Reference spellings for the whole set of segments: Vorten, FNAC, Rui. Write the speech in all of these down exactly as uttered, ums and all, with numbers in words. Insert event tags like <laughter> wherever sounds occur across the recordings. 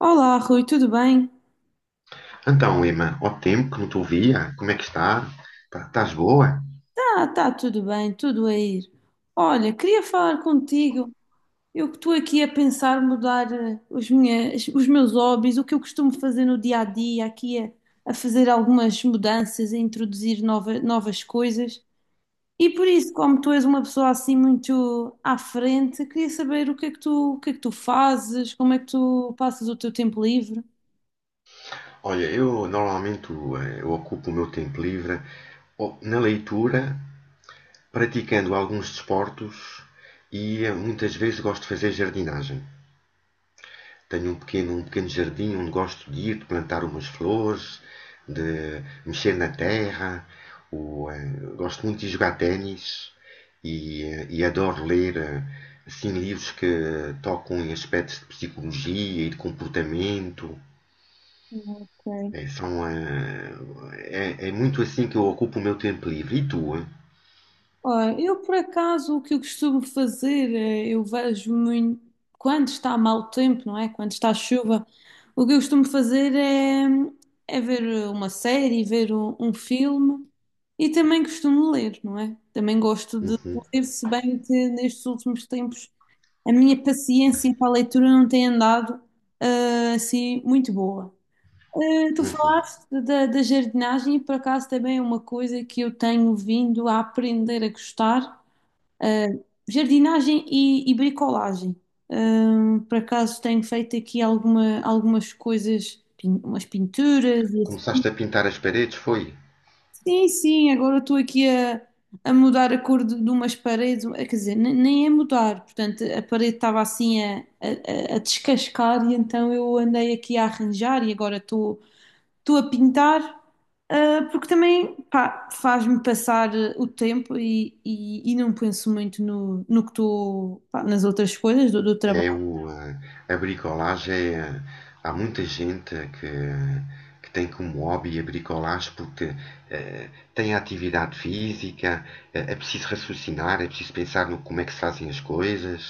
Olá, Rui, tudo bem? Então, Emma, ao tempo que não te ouvia, como é que está? Pá, estás boa? Ah, tá tudo bem, tudo a ir. Olha, queria falar contigo. Eu que estou aqui a pensar mudar eh, os, minhas, os meus hobbies, o que eu costumo fazer no dia a dia, aqui a, a fazer algumas mudanças, a introduzir nova, novas coisas. E por isso, como tu és uma pessoa assim muito à frente, queria saber o que é que tu, o que é que tu fazes, como é que tu passas o teu tempo livre. Olha, eu normalmente eh, eu ocupo o meu tempo livre ou- na leitura, praticando alguns desportos e eh, muitas vezes gosto de fazer jardinagem. Tenho um pequeno, um pequeno jardim onde gosto de ir, de plantar umas flores, de mexer na terra. O, eh, gosto muito de jogar ténis e, eh, e adoro ler, eh, assim, livros que uh, tocam em aspectos de psicologia e de comportamento. Ok. É, são, eh, é, é muito assim que eu ocupo o meu tempo livre. E tu? eh? Olha, eu por acaso o que eu costumo fazer, eh, eu vejo muito, quando está mau tempo, não é? Quando está chuva, o que eu costumo fazer é, é ver uma série, ver um, um filme e também costumo ler, não é? Também gosto de Uhum, ler, se bem que nestes últimos tempos a minha paciência para a leitura não tem andado, ah, assim muito boa. Eh, Tu uhum. falaste da, da jardinagem e por acaso também é uma coisa que eu tenho vindo a aprender a gostar, eh, jardinagem e, e bricolagem. Eh, por acaso tenho feito aqui alguma, algumas coisas, pin- umas pinturas e assim. Começaste a pintar as paredes, foi? Sim, sim, agora estou aqui a, a mudar a cor de, de umas paredes, eh, quer dizer, ne- nem é mudar, portanto a parede estava assim a, a, a- a descascar e então eu andei aqui a arranjar e agora estou estou a pintar, ah, porque também, pá, faz-me passar ah, o tempo e, e, e não penso muito no, no que estou, pá, nas outras coisas do, do É trabalho. o, eh, a bricolagem é. Há muita gente que, que tem como hobby a bricolagem porque eh, tem atividade física, eh, é preciso raciocinar, é preciso pensar no como é que se fazem as coisas.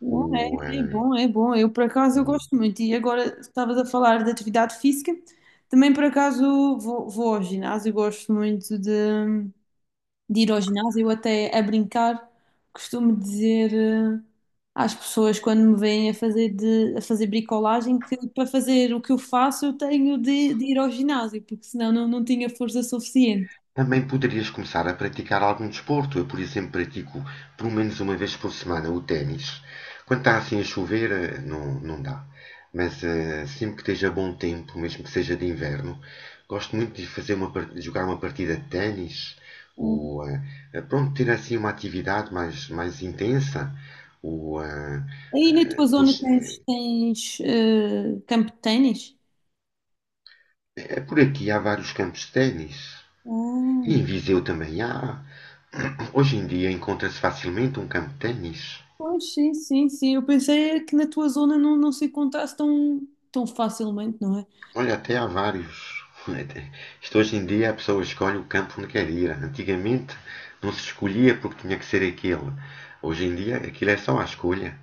Bom, O, é, É eh, bom, é bom. Eu, por acaso, eu gosto muito. E agora, estavas a falar de atividade física, também, por acaso, vou, vou ao ginásio. Eu gosto muito de. de ir ao ginásio, até a brincar, costumo dizer eh, às pessoas quando me veem a fazer, de, a fazer bricolagem que para fazer o que eu faço eu tenho de, de ir ao ginásio, porque senão não, não tinha força suficiente. Também poderias começar a praticar algum desporto. Eu, por exemplo, pratico pelo menos uma vez por semana o ténis. Quando está assim a chover, eh, não, não dá. Mas eh, sempre que esteja bom tempo, mesmo que seja de inverno, gosto muito de fazer uma, par- de jogar uma partida de ténis Hum. ou eh, eh, pronto, ter assim uma atividade mais, mais intensa. Ou, eh, Aí na eh, tua zona pois, tens, eh, tens eh, campo de ténis? é por aqui há vários campos de ténis. E Ah, em Viseu também há. Hoje em dia encontra-se facilmente um campo de ténis. pois sim, sim, sim. Eu pensei é que na tua zona não, não se encontrasse tão, tão facilmente, não é? Olha, até há vários. Isto hoje em dia a pessoa escolhe o campo onde quer ir. Antigamente não se escolhia porque tinha que ser aquele. Hoje em dia aquilo é só a escolha.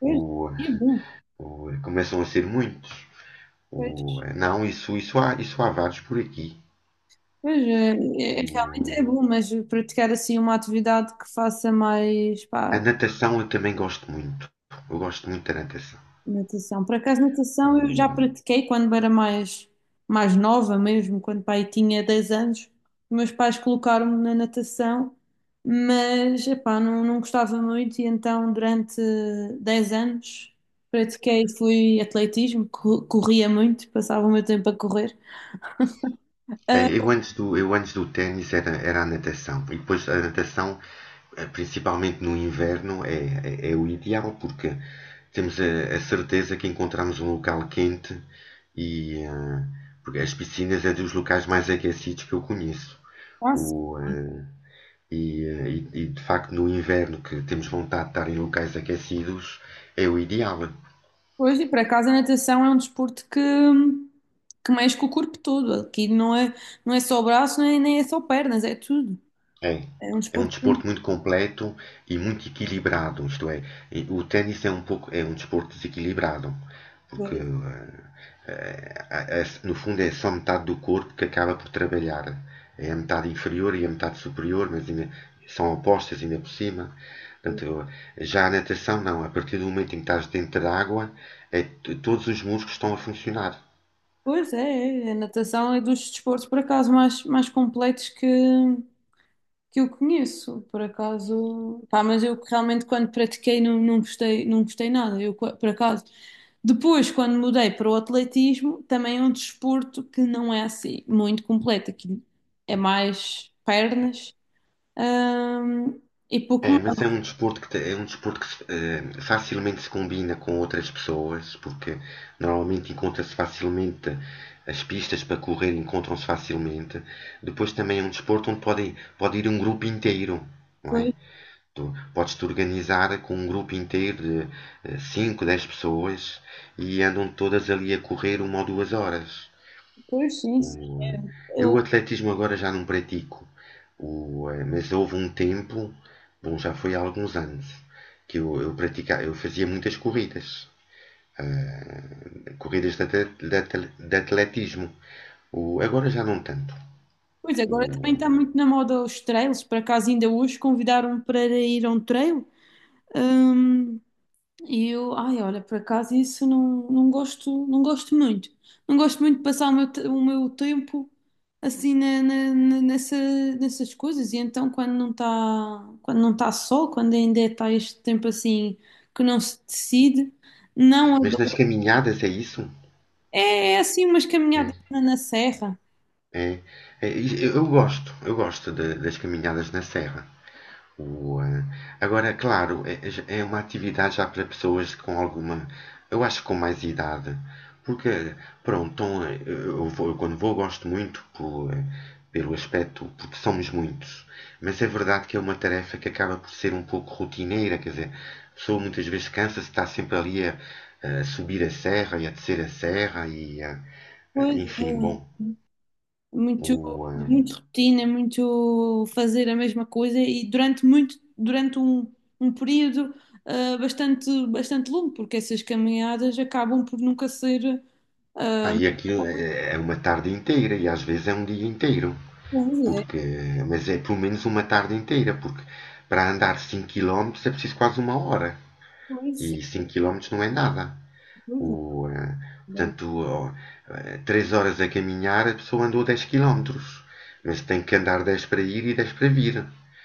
Pois, O, é bom. O- começam a ser muitos. Pois. O- não, isso, isso, há, isso há vários por aqui. Pois, é, é- é, realmente é O- bom, mas praticar assim uma atividade que faça mais, a pá, natação eu também gosto muito. Eu gosto muito da natação. natação. Por acaso, natação eu já O- pratiquei quando era mais, mais nova mesmo, quando pai tinha dez anos. Os meus pais colocaram-me na natação, mas, epá, não, não gostava muito e então durante dez anos pratiquei, fui atletismo, co- corria muito, passava o meu tempo a correr. É, Eu antes do, eu antes do ténis era, era a natação. E depois a natação, eh, principalmente no inverno, é, é, é o ideal porque temos a, a certeza que encontramos um local quente e eh, porque as piscinas é dos locais mais aquecidos que eu conheço. Ah, O, eh, e, eh, e- e, De facto no inverno que temos vontade de estar em locais aquecidos é o ideal. pois, e por acaso a natação é um desporto que, que mexe com o corpo todo. Aqui não é, não é só braço, nem, nem é só pernas, é tudo. É, É um é um desporto. desporto muito completo e muito equilibrado, isto é, e o ténis é um pouco, é um desporto desequilibrado, porque que- eh, eh, a- no fundo é só metade do corpo que acaba por trabalhar. É a metade inferior e a metade superior, mas ainda são opostas ainda por cima. Portanto, já a natação não, a partir do momento em que estás dentro da água, é, t- todos os músculos estão a funcionar. Pois é, é. A natação é dos desportos, por acaso, mais, mais completos que, que eu conheço. Por acaso. Pá, mas eu realmente, quando pratiquei, não, não gostei, não gostei nada. Eu, qua- por acaso. Depois, quando mudei para o atletismo, também é um desporto que não é assim muito completo. Aqui é mais pernas. Ahm, e pouco É, mas é mais. um desporto que, te- é um desporto que se- eh, facilmente se combina com outras pessoas, porque normalmente encontra-se facilmente as pistas para correr, encontram-se facilmente. Depois também é um desporto onde podem, pode ir um grupo inteiro, não é? Pois, Tu podes te organizar com um grupo inteiro de eh, cinco, dez pessoas e andam todas ali a correr uma ou duas horas. pois, sim, O, sim. É. eh, eu Eu- o atletismo agora já não pratico, o, eh, mas houve um tempo, bom, já foi há alguns anos, que eu, eu praticava, eu fazia muitas corridas, eh, corridas de, de de atletismo. O, agora já não tanto. Pois O, agora também está muito na moda os trails. Por acaso ainda hoje convidaram-me para ir a um trail. Ahm, e eu, ai, olha, por acaso isso não, não gosto, não gosto muito. Não gosto muito de passar o meu, te- o meu tempo assim na- na- na- nessa, nessas coisas. E então quando não está, quando não está sol, quando ainda está este tempo assim que não se decide, eh, não mas nas adoro. caminhadas é isso? É é assim umas caminhadas É, na na serra. é, é, eu gosto, eu gosto de- das caminhadas na serra. Boa. Agora, claro, é, é- é uma atividade já para pessoas com alguma, eu acho que com mais idade, porque, pronto, então, eh, eu vou- eu quando vou gosto muito pelo, eh, pelo aspecto, porque somos muitos, mas é verdade que é uma tarefa que acaba por ser um pouco rotineira, quer dizer, a pessoa muitas vezes cansa-se, está sempre ali a, a subir a serra e a descer a serra e a, a- Pois enfim, é. bom, Muito, o, eh, muito rotina, muito fazer a mesma coisa e durante muito, durante um, um período ah, bastante, bastante longo, porque essas caminhadas acabam por nunca ser. ah, e aquilo é é uma tarde inteira e às vezes é um dia inteiro. Pois é, Porque, mas é pelo menos uma tarde inteira, porque para andar cinco quilómetros é preciso quase uma hora. E pois, cinco quilómetros não é nada. O, pois, eh, é. Portanto, três horas a caminhar, a pessoa andou dez quilómetros. Mas tem que andar dez para ir e dez para vir.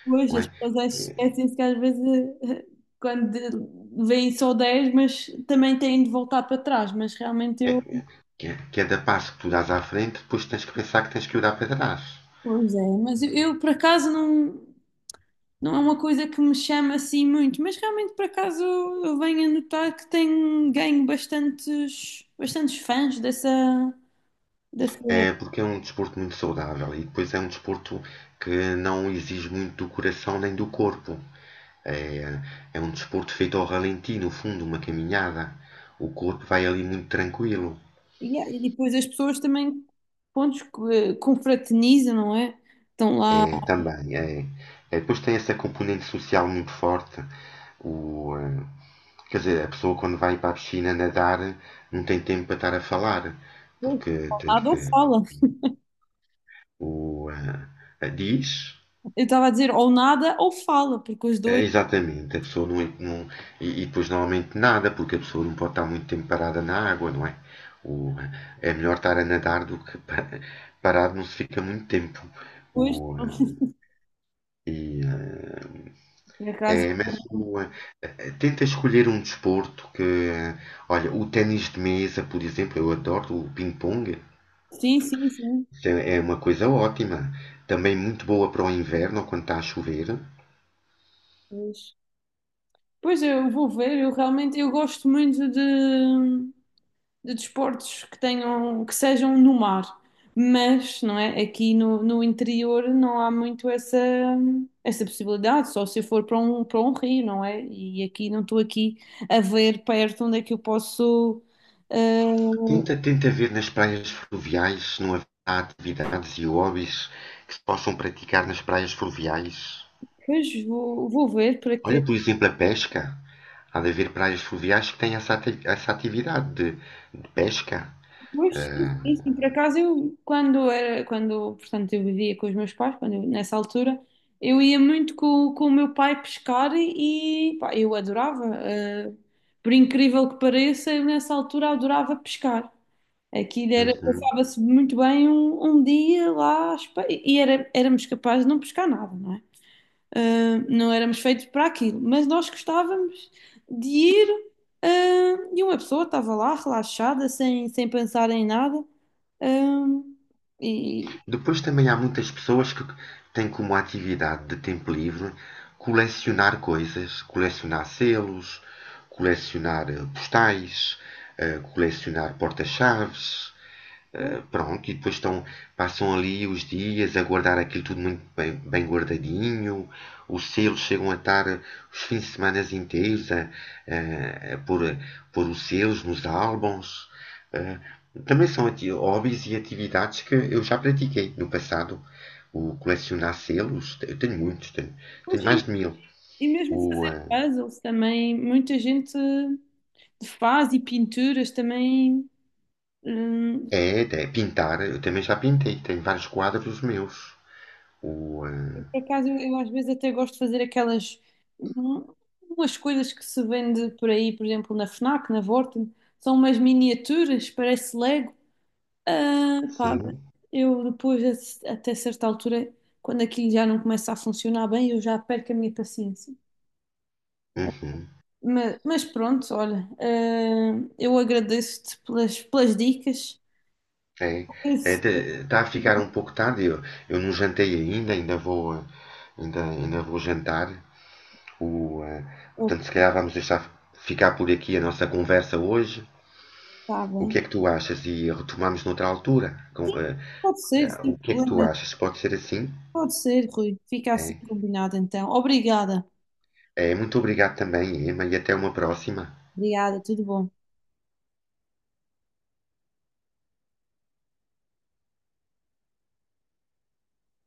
Pois, Não é? as pessoas esquecem-se que às vezes <laughs> eh, quando de- vêm só dez mas também têm de voltar para trás, mas realmente É- eu. é- que- Cada passo que tu dás à frente, depois tens que pensar que tens que olhar para trás. Pois é, mas eu, eu, por acaso não. Não é uma coisa que me chama assim muito, mas realmente por acaso eu venho a notar que tenho ganho bastantes, bastantes fãs dessa, dessa... É porque é um desporto muito saudável e depois é um desporto que não exige muito do coração nem do corpo. É, é um desporto feito ao ralenti, no fundo, uma caminhada. O corpo vai ali muito tranquilo. Yeah, e depois as pessoas também, pontos que confraternizam, não é? Estão lá, É, também, é. É, depois tem essa componente social muito forte. O, eh, Quer dizer, a pessoa quando vai para a piscina nadar não tem tempo para estar a falar, ou porque tem que. nada ou fala. <laughs> O, eh, Diz. Eu estava a dizer ou nada ou fala, porque os É, dois, exatamente, a pessoa não, é, não- e, e depois normalmente nada, porque a pessoa não pode estar muito tempo parada na água, não é? O, É melhor estar a nadar do que pa- parado não se fica muito tempo. depois, O, eh, estão, e, <laughs> por eh, acaso, é, mas o, eh, eh, Tenta escolher um desporto que, eh, olha, o ténis de mesa, por exemplo, eu adoro o ping-pong. sim, sim, sim. Isso é é uma coisa ótima, também muito boa para o inverno ou quando está a chover. Pois, pois eu vou ver, eu realmente eu gosto muito de de desportos que tenham, que sejam no mar, mas não é? Aqui no, no interior não há muito essa, essa possibilidade, só se eu for para um, para um rio, não é? E aqui não estou aqui a ver perto onde é que eu posso. eh, Tenta, tenta ver nas praias fluviais se não haverá atividades e hobbies que se possam praticar nas praias fluviais. Pois vou, vou ver para Olha, que por exemplo, a pesca. Há de haver praias fluviais que têm essa, ati- essa atividade de, de pesca. pois, sim, sim, sim. Por acaso eu, quando era, quando, portanto, eu vivia com os meus pais, quando eu- nessa altura, eu ia muito com, com o meu pai pescar e, pá, eu adorava. Eh, por incrível que pareça, eu nessa altura adorava pescar. Aquilo era, Uhum. passava-se muito bem um, um dia lá, às pe- e era, éramos capazes de não pescar nada, não é? Uh, não éramos feitos para aquilo, mas nós gostávamos de ir, uh, e uma pessoa estava lá relaxada, sem, sem pensar em nada, um, e, Depois também há muitas pessoas que têm como atividade de tempo livre colecionar coisas, colecionar selos, colecionar eh, postais, eh, colecionar porta-chaves. Uh, pronto, e depois estão, passam ali os dias a guardar aquilo tudo muito bem, bem guardadinho. Os selos chegam a estar os fins de semana inteiros a, a, a pôr, a pôr os selos nos álbuns. Uh, também são hobbies e atividades que eu já pratiquei no passado. O colecionar selos, eu tenho muitos, tenho, tenho e mais de mil. e mesmo O, fazer uh, puzzles também, muita gente faz e pinturas também. Hum, É, é, pintar, eu também já pintei, tenho vários quadros meus. O, uh, por acaso eu, eu às vezes até gosto de fazer aquelas hum, umas coisas que se vende por aí, por exemplo, na FNAC, na Vorten, são umas miniaturas, parece Lego. Ah, pá, sim, eu depois, a até certa altura, quando aquilo já não começa a funcionar bem, eu já perco a minha paciência. uhum. Mas, mas pronto, olha, ah, eu agradeço-te pelas, pelas dicas. É, Esse- está a ficar um pouco tarde. Eu, eu não jantei ainda, ainda vou, eh, ainda, ainda vou jantar. O, eh, Oh, Portanto, se calhar vamos deixar ficar por aqui a nossa conversa hoje. tá O bem. que é que tu achas? E retomamos noutra altura. Com, Sim, eh, pode ser, O sem que é que tu problema. achas? Pode ser assim? Pode ser, Rui. Fica assim É, combinado então. Obrigada. é, muito obrigado também, Emma, e até uma próxima. Obrigada, tudo bom.